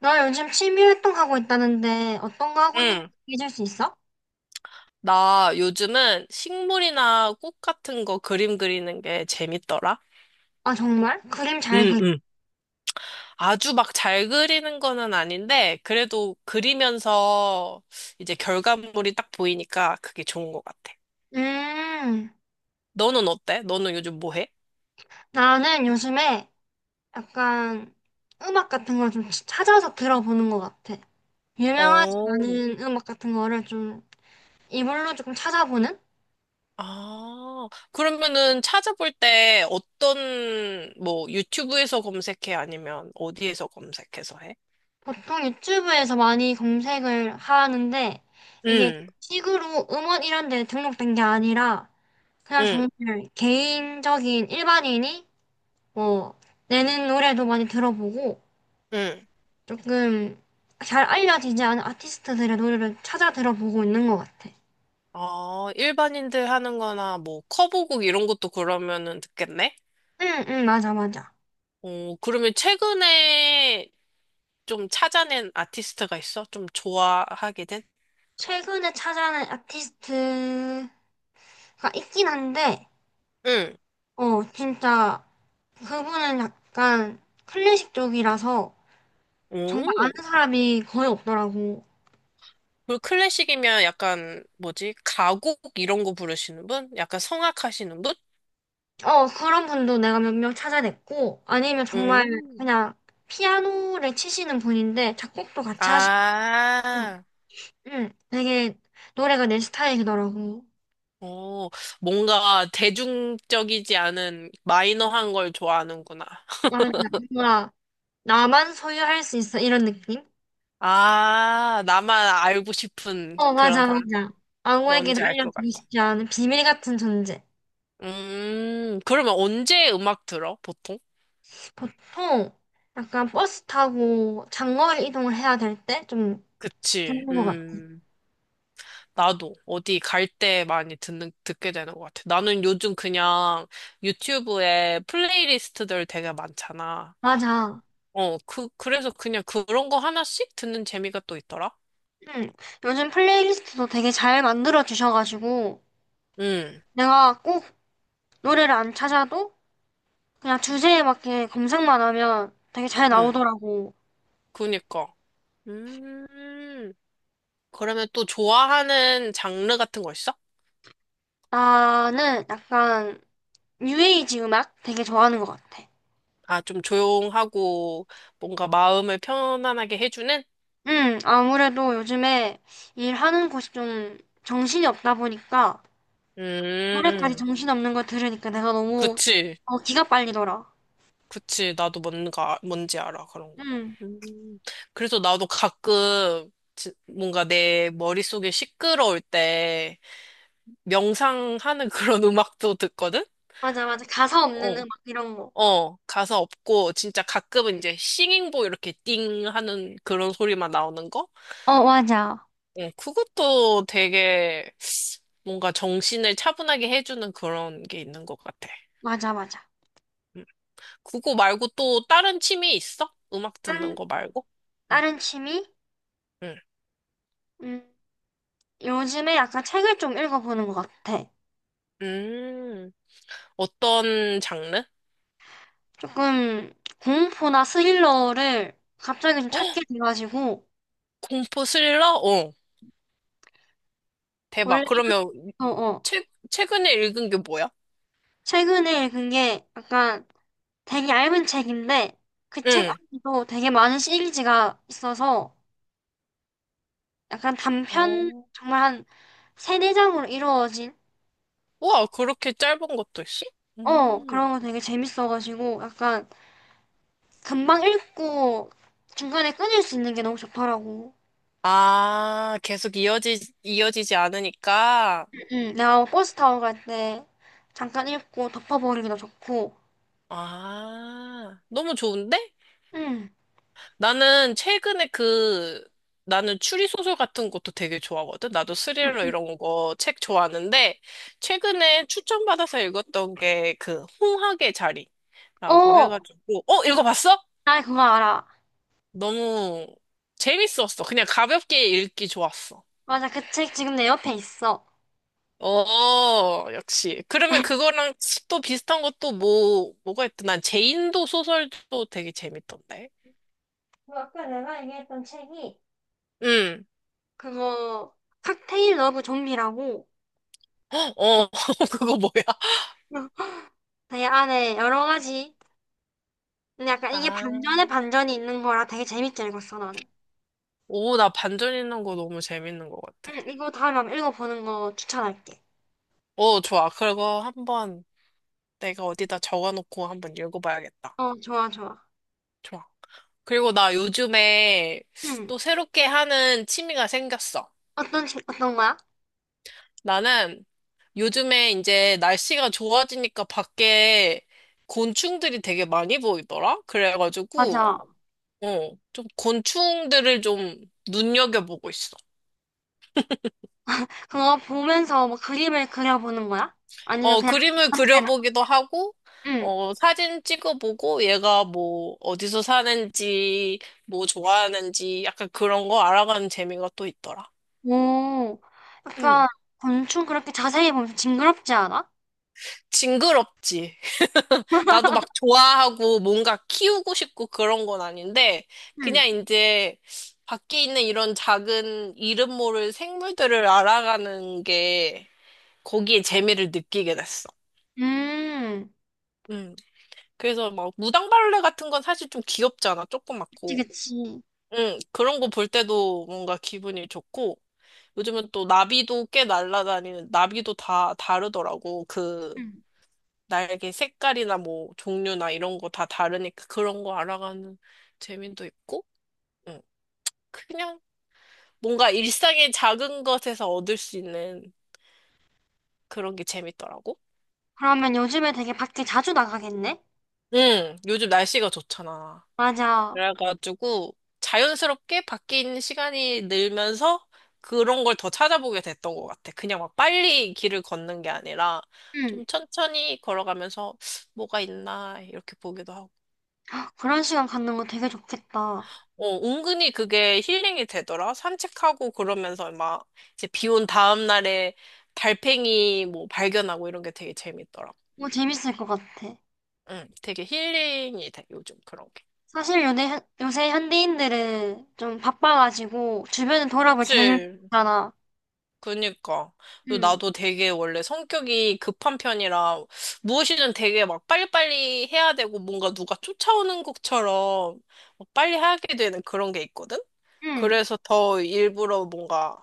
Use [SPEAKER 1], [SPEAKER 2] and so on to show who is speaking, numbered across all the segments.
[SPEAKER 1] 나 요즘 취미 활동하고 있다는데 어떤 거 하고 있는지
[SPEAKER 2] 응.
[SPEAKER 1] 얘기해줄 수 있어?
[SPEAKER 2] 나 요즘은 식물이나 꽃 같은 거 그림 그리는 게 재밌더라.
[SPEAKER 1] 아, 정말? 그림 잘
[SPEAKER 2] 응,
[SPEAKER 1] 그려?
[SPEAKER 2] 응. 아주 막 잘 그리는 거는 아닌데, 그래도 그리면서 이제 결과물이 딱 보이니까 그게 좋은 것 같아.
[SPEAKER 1] 음,
[SPEAKER 2] 너는 어때? 너는 요즘 뭐 해?
[SPEAKER 1] 나는 요즘에 약간 음악 같은 걸 좀 찾아서 들어보는 것 같아. 유명하지
[SPEAKER 2] 어.
[SPEAKER 1] 않은 음악 같은 거를 좀 이걸로 조금 찾아보는?
[SPEAKER 2] 아, 그러면은 찾아볼 때 어떤, 뭐, 유튜브에서 검색해? 아니면 어디에서 검색해서 해?
[SPEAKER 1] 보통 유튜브에서 많이 검색을 하는데 이게
[SPEAKER 2] 응,
[SPEAKER 1] 식으로 음원 이런 데 등록된 게 아니라 그냥
[SPEAKER 2] 응,
[SPEAKER 1] 정말 개인적인 일반인이 뭐 내는 노래도 많이 들어보고
[SPEAKER 2] 응.
[SPEAKER 1] 조금 잘 알려지지 않은 아티스트들의 노래를 찾아 들어보고 있는 것 같아.
[SPEAKER 2] 아, 일반인들 하는 거나 뭐 커브곡 이런 것도 그러면은 듣겠네?
[SPEAKER 1] 응, 응, 맞아, 맞아.
[SPEAKER 2] 어, 그러면 최근에 좀 찾아낸 아티스트가 있어? 좀 좋아하게 된?
[SPEAKER 1] 최근에 찾아낸 아티스트가 있긴 한데,
[SPEAKER 2] 응.
[SPEAKER 1] 어, 진짜 그분은 약간 클래식 쪽이라서 정말 아는
[SPEAKER 2] 오.
[SPEAKER 1] 사람이 거의 없더라고.
[SPEAKER 2] 그 클래식이면 약간 뭐지? 가곡 이런 거 부르시는 분? 약간 성악하시는 분?
[SPEAKER 1] 어, 그런 분도 내가 몇 명 찾아냈고, 아니면 정말
[SPEAKER 2] 음.
[SPEAKER 1] 그냥 피아노를 치시는 분인데 작곡도 같이 하시고,
[SPEAKER 2] 아.
[SPEAKER 1] 응, 되게 노래가 내 스타일이더라고.
[SPEAKER 2] 어, 뭔가 대중적이지 않은 마이너한 걸 좋아하는구나.
[SPEAKER 1] 아, 뭔가 나만 소유할 수 있어 이런 느낌?
[SPEAKER 2] 아, 나만 알고 싶은
[SPEAKER 1] 어,
[SPEAKER 2] 그런
[SPEAKER 1] 맞아,
[SPEAKER 2] 사람.
[SPEAKER 1] 맞아. 아무에게나
[SPEAKER 2] 뭔지 알 것
[SPEAKER 1] 알려주고
[SPEAKER 2] 같아.
[SPEAKER 1] 싶지 않은 비밀 같은 존재.
[SPEAKER 2] 그러면 언제 음악 들어, 보통?
[SPEAKER 1] 보통 약간 버스 타고 장거리 이동을 해야 될 때 좀
[SPEAKER 2] 그치.
[SPEAKER 1] 찾는 것 같아.
[SPEAKER 2] 나도 어디 갈 때 많이 듣게 되는 것 같아. 나는 요즘 그냥 유튜브에 플레이리스트들 되게 많잖아.
[SPEAKER 1] 맞아.
[SPEAKER 2] 어, 그래서 그냥 그런 거 하나씩 듣는 재미가 또 있더라.
[SPEAKER 1] 응, 요즘 플레이리스트도 되게 잘 만들어 주셔가지고
[SPEAKER 2] 응,
[SPEAKER 1] 내가 꼭 노래를 안 찾아도 그냥 주제에 맞게 검색만 하면 되게 잘
[SPEAKER 2] 응,
[SPEAKER 1] 나오더라고.
[SPEAKER 2] 그니까. 음, 그러면 또 좋아하는 장르 같은 거 있어?
[SPEAKER 1] 나는 약간 뉴에이지 음악 되게 좋아하는 것 같아.
[SPEAKER 2] 아, 좀 조용하고 뭔가 마음을 편안하게 해주는?
[SPEAKER 1] 아무래도 요즘에 일하는 곳이 좀 정신이 없다 보니까 노래까지
[SPEAKER 2] 음,
[SPEAKER 1] 정신없는 거 들으니까 내가 너무,
[SPEAKER 2] 그치,
[SPEAKER 1] 어, 기가 빨리더라.
[SPEAKER 2] 그치. 나도 뭔가, 뭔지 알아, 그런 거.
[SPEAKER 1] 음,
[SPEAKER 2] 음, 그래서 나도 가끔 뭔가 내 머릿속이 시끄러울 때 명상하는 그런 음악도 듣거든?
[SPEAKER 1] 맞아, 맞아. 가사 없는
[SPEAKER 2] 어,
[SPEAKER 1] 음악 이런 거.
[SPEAKER 2] 어, 가사 없고 진짜 가끔은 이제 싱잉보 이렇게 띵 하는 그런 소리만 나오는 거?
[SPEAKER 1] 어, 맞아.
[SPEAKER 2] 어, 그것도 되게 뭔가 정신을 차분하게 해주는 그런 게 있는 것 같아. 음.
[SPEAKER 1] 맞아, 맞아.
[SPEAKER 2] 그거 말고 또 다른 취미 있어? 음악 듣는
[SPEAKER 1] 다른,
[SPEAKER 2] 거 말고? 응,
[SPEAKER 1] 다른 취미?
[SPEAKER 2] 응.
[SPEAKER 1] 음, 요즘에 약간 책을 좀 읽어보는 것 같아.
[SPEAKER 2] 음, 어떤 장르?
[SPEAKER 1] 조금 공포나 스릴러를 갑자기 좀
[SPEAKER 2] 어,
[SPEAKER 1] 찾게 돼가지고
[SPEAKER 2] 공포 스릴러? 어, 대박.
[SPEAKER 1] 원래
[SPEAKER 2] 그러면
[SPEAKER 1] 어, 어.
[SPEAKER 2] 최근에 읽은 게 뭐야?
[SPEAKER 1] 최근에 읽은 게 약간 되게 얇은 책인데 그 책
[SPEAKER 2] 응.
[SPEAKER 1] 안에도 되게 많은 시리즈가 있어서 약간 단편
[SPEAKER 2] 오.
[SPEAKER 1] 정말 한 세네 장으로 이루어진
[SPEAKER 2] 우와, 그렇게 짧은 것도 있어?
[SPEAKER 1] 어,
[SPEAKER 2] 음.
[SPEAKER 1] 그런 거 되게 재밌어가지고 약간 금방 읽고 중간에 끊을 수 있는 게 너무 좋더라고.
[SPEAKER 2] 아, 계속 이어지지 않으니까.
[SPEAKER 1] 응, 내가 버스 타고 갈 때 잠깐 읽고 덮어버리기도 좋고.
[SPEAKER 2] 아, 너무 좋은데?
[SPEAKER 1] 응.
[SPEAKER 2] 나는 최근에 그, 나는 추리소설 같은 것도 되게 좋아하거든. 나도 스릴러 이런 거 책 좋아하는데, 최근에 추천받아서 읽었던 게 그, 홍학의 자리라고
[SPEAKER 1] 어,
[SPEAKER 2] 해가지고, 어, 읽어봤어?
[SPEAKER 1] 나 그거 알아.
[SPEAKER 2] 너무 재밌었어. 그냥 가볍게 읽기 좋았어.
[SPEAKER 1] 맞아, 그 책 지금 내 옆에 있어.
[SPEAKER 2] 어, 역시. 그러면 그거랑 또 비슷한 것도 뭐, 뭐가 있더난 제인도 소설도 되게 재밌던데.
[SPEAKER 1] 그 아까 내가 얘기했던 책이
[SPEAKER 2] 응.
[SPEAKER 1] 그거 칵테일 러브 좀비라고.
[SPEAKER 2] 어, 그거 뭐야?
[SPEAKER 1] 되게 안에 여러 가지 근데 약간 이게 반전에 반전이 있는 거라 되게 재밌게 읽었어 나는.
[SPEAKER 2] 오, 나 반전 있는 거 너무 재밌는 것 같아.
[SPEAKER 1] 응, 이거 다음에 한번 읽어보는 거 추천할게.
[SPEAKER 2] 오, 좋아. 그거 한번 내가 어디다 적어놓고 한번 읽어봐야겠다.
[SPEAKER 1] 어, 좋아, 좋아.
[SPEAKER 2] 좋아. 그리고 나 요즘에
[SPEAKER 1] 응.
[SPEAKER 2] 또 새롭게 하는 취미가 생겼어.
[SPEAKER 1] 어떤, 책- 어떤 거야?
[SPEAKER 2] 나는 요즘에 이제 날씨가 좋아지니까 밖에 곤충들이 되게 많이 보이더라? 그래가지고,
[SPEAKER 1] 맞아.
[SPEAKER 2] 어, 좀 곤충들을 좀 눈여겨보고 있어.
[SPEAKER 1] 그거 보면서 뭐 그림을 그려보는 거야? 아니면
[SPEAKER 2] 어,
[SPEAKER 1] 그냥
[SPEAKER 2] 그림을
[SPEAKER 1] 전체만?
[SPEAKER 2] 그려보기도 하고,
[SPEAKER 1] 응.
[SPEAKER 2] 어, 사진 찍어보고, 얘가 뭐, 어디서 사는지, 뭐 좋아하는지, 약간 그런 거 알아가는 재미가 또 있더라.
[SPEAKER 1] 오,
[SPEAKER 2] 응,
[SPEAKER 1] 약간 곤충 그렇게 자세히 보면 징그럽지 않아?
[SPEAKER 2] 징그럽지. 나도 막 좋아하고, 뭔가 키우고 싶고 그런 건 아닌데,
[SPEAKER 1] 응.
[SPEAKER 2] 그냥 이제, 밖에 있는 이런 작은 이름 모를 생물들을 알아가는 게, 거기에 재미를 느끼게 됐어.
[SPEAKER 1] 음,
[SPEAKER 2] 음 그래서 막 무당벌레 같은 건 사실 좀 귀엽잖아.
[SPEAKER 1] 그치,
[SPEAKER 2] 조그맣고.
[SPEAKER 1] 그치.
[SPEAKER 2] 응, 그런 거 볼 때도 뭔가 기분이 좋고, 요즘은 또 나비도 꽤 날아다니는, 나비도 다 다르더라고. 그
[SPEAKER 1] 응.
[SPEAKER 2] 날개 색깔이나 뭐 종류나 이런 거 다 다르니까 그런 거 알아가는 재미도 있고, 응. 그냥 뭔가 일상의 작은 것에서 얻을 수 있는 그런 게 재밌더라고.
[SPEAKER 1] 그러면 요즘에 되게 밖에 자주 나가겠네?
[SPEAKER 2] 응, 요즘 날씨가 좋잖아.
[SPEAKER 1] 맞아.
[SPEAKER 2] 그래가지고 자연스럽게 밖에 있는 시간이 늘면서 그런 걸 더 찾아보게 됐던 것 같아. 그냥 막 빨리 길을 걷는 게 아니라
[SPEAKER 1] 응.
[SPEAKER 2] 좀 천천히 걸어가면서 뭐가 있나 이렇게 보기도 하고.
[SPEAKER 1] 그런 시간 갖는 거 되게 좋겠다.
[SPEAKER 2] 어, 은근히 그게 힐링이 되더라. 산책하고 그러면서 막 이제 비온 다음 날에 달팽이 뭐 발견하고 이런 게 되게 재밌더라.
[SPEAKER 1] 뭐 재밌을 것 같아.
[SPEAKER 2] 응, 되게 힐링이 돼, 요즘 그런 게.
[SPEAKER 1] 사실 요새, 현- 요새 현대인들은 좀 바빠가지고 주변을 돌아볼 경향가없
[SPEAKER 2] 그치.
[SPEAKER 1] 잖아
[SPEAKER 2] 그니까. 그리고
[SPEAKER 1] 응,
[SPEAKER 2] 나도 되게 원래 성격이 급한 편이라 무엇이든 되게 막 빨리빨리 해야 되고 뭔가 누가 쫓아오는 것처럼 막 빨리 하게 되는 그런 게 있거든?
[SPEAKER 1] 응,
[SPEAKER 2] 그래서 더 일부러 뭔가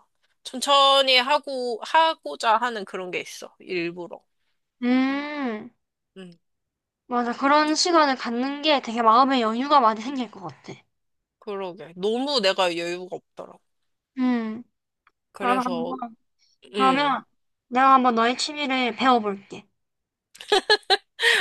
[SPEAKER 2] 천천히 하고, 하고자 하는 그런 게 있어. 일부러.
[SPEAKER 1] 음,
[SPEAKER 2] 응,
[SPEAKER 1] 맞아. 그런 시간을 갖는 게 되게 마음의 여유가 많이 생길 것 같아.
[SPEAKER 2] 그러게. 너무 내가 여유가 없더라고.
[SPEAKER 1] 응, 나도
[SPEAKER 2] 그래서,
[SPEAKER 1] 한번,
[SPEAKER 2] 응.
[SPEAKER 1] 그러면 내가 한번 너의 취미를 배워볼게.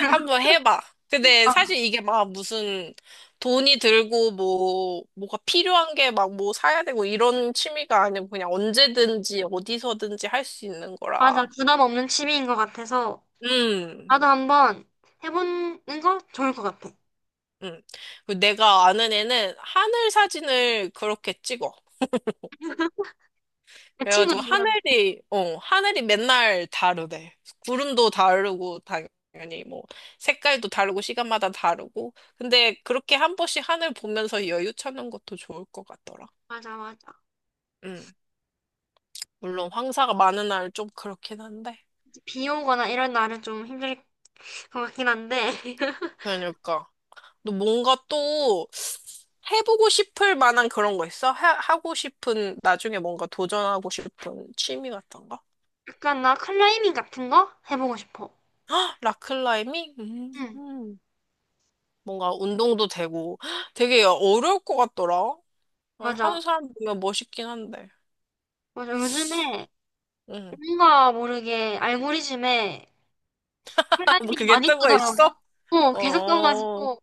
[SPEAKER 2] 한 번 해봐. 근데 사실 이게 막 무슨 돈이 들고 뭐, 뭐가 필요한 게 막 뭐 사야 되고 이런 취미가 아니고 그냥 언제든지 어디서든지 할 수 있는
[SPEAKER 1] 맞아.
[SPEAKER 2] 거라.
[SPEAKER 1] 부담 없는 취미인 것 같아서
[SPEAKER 2] 음,
[SPEAKER 1] 나도 한번 해보는 거 좋을 것 같아.
[SPEAKER 2] 음. 그 내가 아는 애는 하늘 사진을 그렇게 찍어.
[SPEAKER 1] 내
[SPEAKER 2] 그래가지고
[SPEAKER 1] 친구도 그런,
[SPEAKER 2] 하늘이, 어, 하늘이 맨날 다르대. 구름도 다르고, 당연히 뭐, 색깔도 다르고, 시간마다 다르고. 근데 그렇게 한 번씩 하늘 보면서 여유 찾는 것도 좋을 것 같더라.
[SPEAKER 1] 맞아, 맞아.
[SPEAKER 2] 음. 물론 황사가 많은 날 좀 그렇긴 한데.
[SPEAKER 1] 비 오거나 이런 날은 좀 힘들 그렇긴 한데
[SPEAKER 2] 그러니까. 너 뭔가 또 해보고 싶을 만한 그런 거 있어? 하고 싶은, 나중에 뭔가 도전하고 싶은 취미 같은 거?
[SPEAKER 1] 약간 나 클라이밍 같은 거 해보고 싶어.
[SPEAKER 2] 헉, 락클라이밍?
[SPEAKER 1] 응,
[SPEAKER 2] 뭔가 운동도 되고 헉, 되게 어려울 것 같더라. 난
[SPEAKER 1] 맞아.
[SPEAKER 2] 하는 사람 보면 멋있긴 한데.
[SPEAKER 1] 맞아. 요즘에
[SPEAKER 2] 응.
[SPEAKER 1] 뭔가 모르게 알고리즘에
[SPEAKER 2] 뭐
[SPEAKER 1] 클라이밍이
[SPEAKER 2] 그게
[SPEAKER 1] 많이
[SPEAKER 2] 뜨고
[SPEAKER 1] 뜨더라고.
[SPEAKER 2] 있어?
[SPEAKER 1] 어, 계속
[SPEAKER 2] 어.
[SPEAKER 1] 떠가지고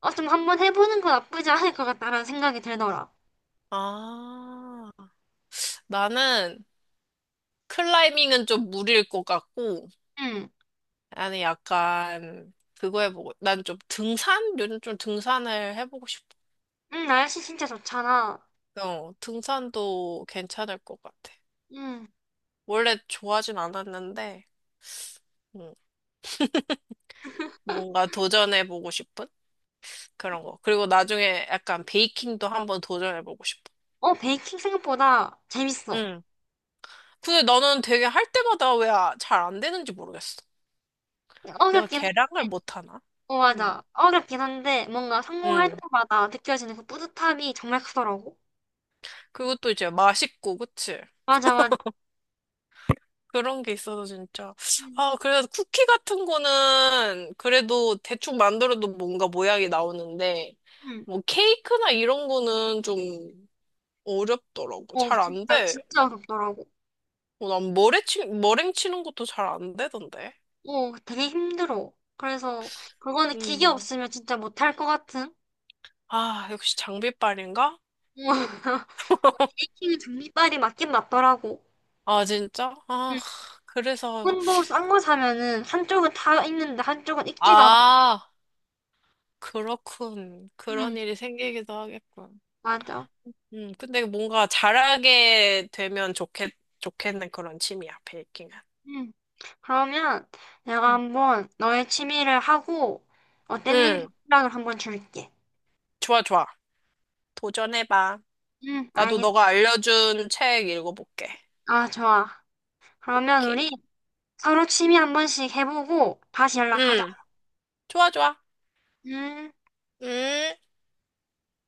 [SPEAKER 1] 어, 좀 한번 해보는 건 나쁘지 않을 것 같다라는 생각이 들더라.
[SPEAKER 2] 아. 나는 클라이밍은 좀 무리일 것 같고
[SPEAKER 1] 응,
[SPEAKER 2] 나는 약간, 그거 해보고, 난 좀 등산? 요즘 좀 등산을 해보고 싶어.
[SPEAKER 1] 응, 날씨 진짜 좋잖아.
[SPEAKER 2] 어, 등산도 괜찮을 것 같아.
[SPEAKER 1] 응,
[SPEAKER 2] 원래 좋아하진 않았는데, 음, 뭔가 도전해보고 싶은 그런 거. 그리고 나중에 약간 베이킹도 한번 도전해보고 싶어.
[SPEAKER 1] 어, 베이킹 생각보다 재밌어.
[SPEAKER 2] 응. 근데 나는 되게 할 때마다 왜 잘 안 되는지 모르겠어. 내가
[SPEAKER 1] 어렵긴
[SPEAKER 2] 계량을
[SPEAKER 1] 한데,
[SPEAKER 2] 못하나?
[SPEAKER 1] 어,
[SPEAKER 2] 응.
[SPEAKER 1] 맞아. 어렵긴 한데 뭔가 성공할
[SPEAKER 2] 응.
[SPEAKER 1] 때마다 느껴지는 그 뿌듯함이 정말 크더라고.
[SPEAKER 2] 그리고 또 이제 맛있고, 그치?
[SPEAKER 1] 맞아, 맞아.
[SPEAKER 2] 그런 게 있어서 진짜.
[SPEAKER 1] 응.
[SPEAKER 2] 아, 그래서 쿠키 같은 거는 그래도 대충 만들어도 뭔가 모양이 나오는데,
[SPEAKER 1] 응.
[SPEAKER 2] 뭐 케이크나 이런 거는 좀 어렵더라고.
[SPEAKER 1] 어,
[SPEAKER 2] 잘 안
[SPEAKER 1] 진짜,
[SPEAKER 2] 돼.
[SPEAKER 1] 진짜 어렵더라고.
[SPEAKER 2] 어, 난 머랭 치는 것도 잘 안 되던데.
[SPEAKER 1] 어, 되게 힘들어. 그래서, 그거는 기계
[SPEAKER 2] 음.
[SPEAKER 1] 없으면 진짜 못할 것 같은? 어,
[SPEAKER 2] 아, 역시 장비빨인가?
[SPEAKER 1] 베이킹은 종이빨이 맞긴 맞더라고.
[SPEAKER 2] 아, 진짜? 아,
[SPEAKER 1] 응.
[SPEAKER 2] 그래서,
[SPEAKER 1] 콘도 싼 거 사면은, 한쪽은 다 있는데, 한쪽은 익지도 않고.
[SPEAKER 2] 아, 그렇군.
[SPEAKER 1] 응,
[SPEAKER 2] 그런 일이 생기기도 하겠군.
[SPEAKER 1] 맞아.
[SPEAKER 2] 근데 뭔가 좋겠는 그런 취미야, 베이킹은.
[SPEAKER 1] 응. 그러면, 내가
[SPEAKER 2] 응,
[SPEAKER 1] 한번 너의 취미를 하고, 어땠는지
[SPEAKER 2] 응,
[SPEAKER 1] 생각을 한번 줄게.
[SPEAKER 2] 좋아, 좋아. 도전해봐.
[SPEAKER 1] 응,
[SPEAKER 2] 나도
[SPEAKER 1] 알겠어.
[SPEAKER 2] 너가 알려준 책 읽어볼게.
[SPEAKER 1] 아, 좋아. 그러면
[SPEAKER 2] 오케이.
[SPEAKER 1] 우리 서로 취미 한 번씩 해보고, 다시 연락하자.
[SPEAKER 2] 응, 좋아, 좋아.
[SPEAKER 1] 음.
[SPEAKER 2] 음.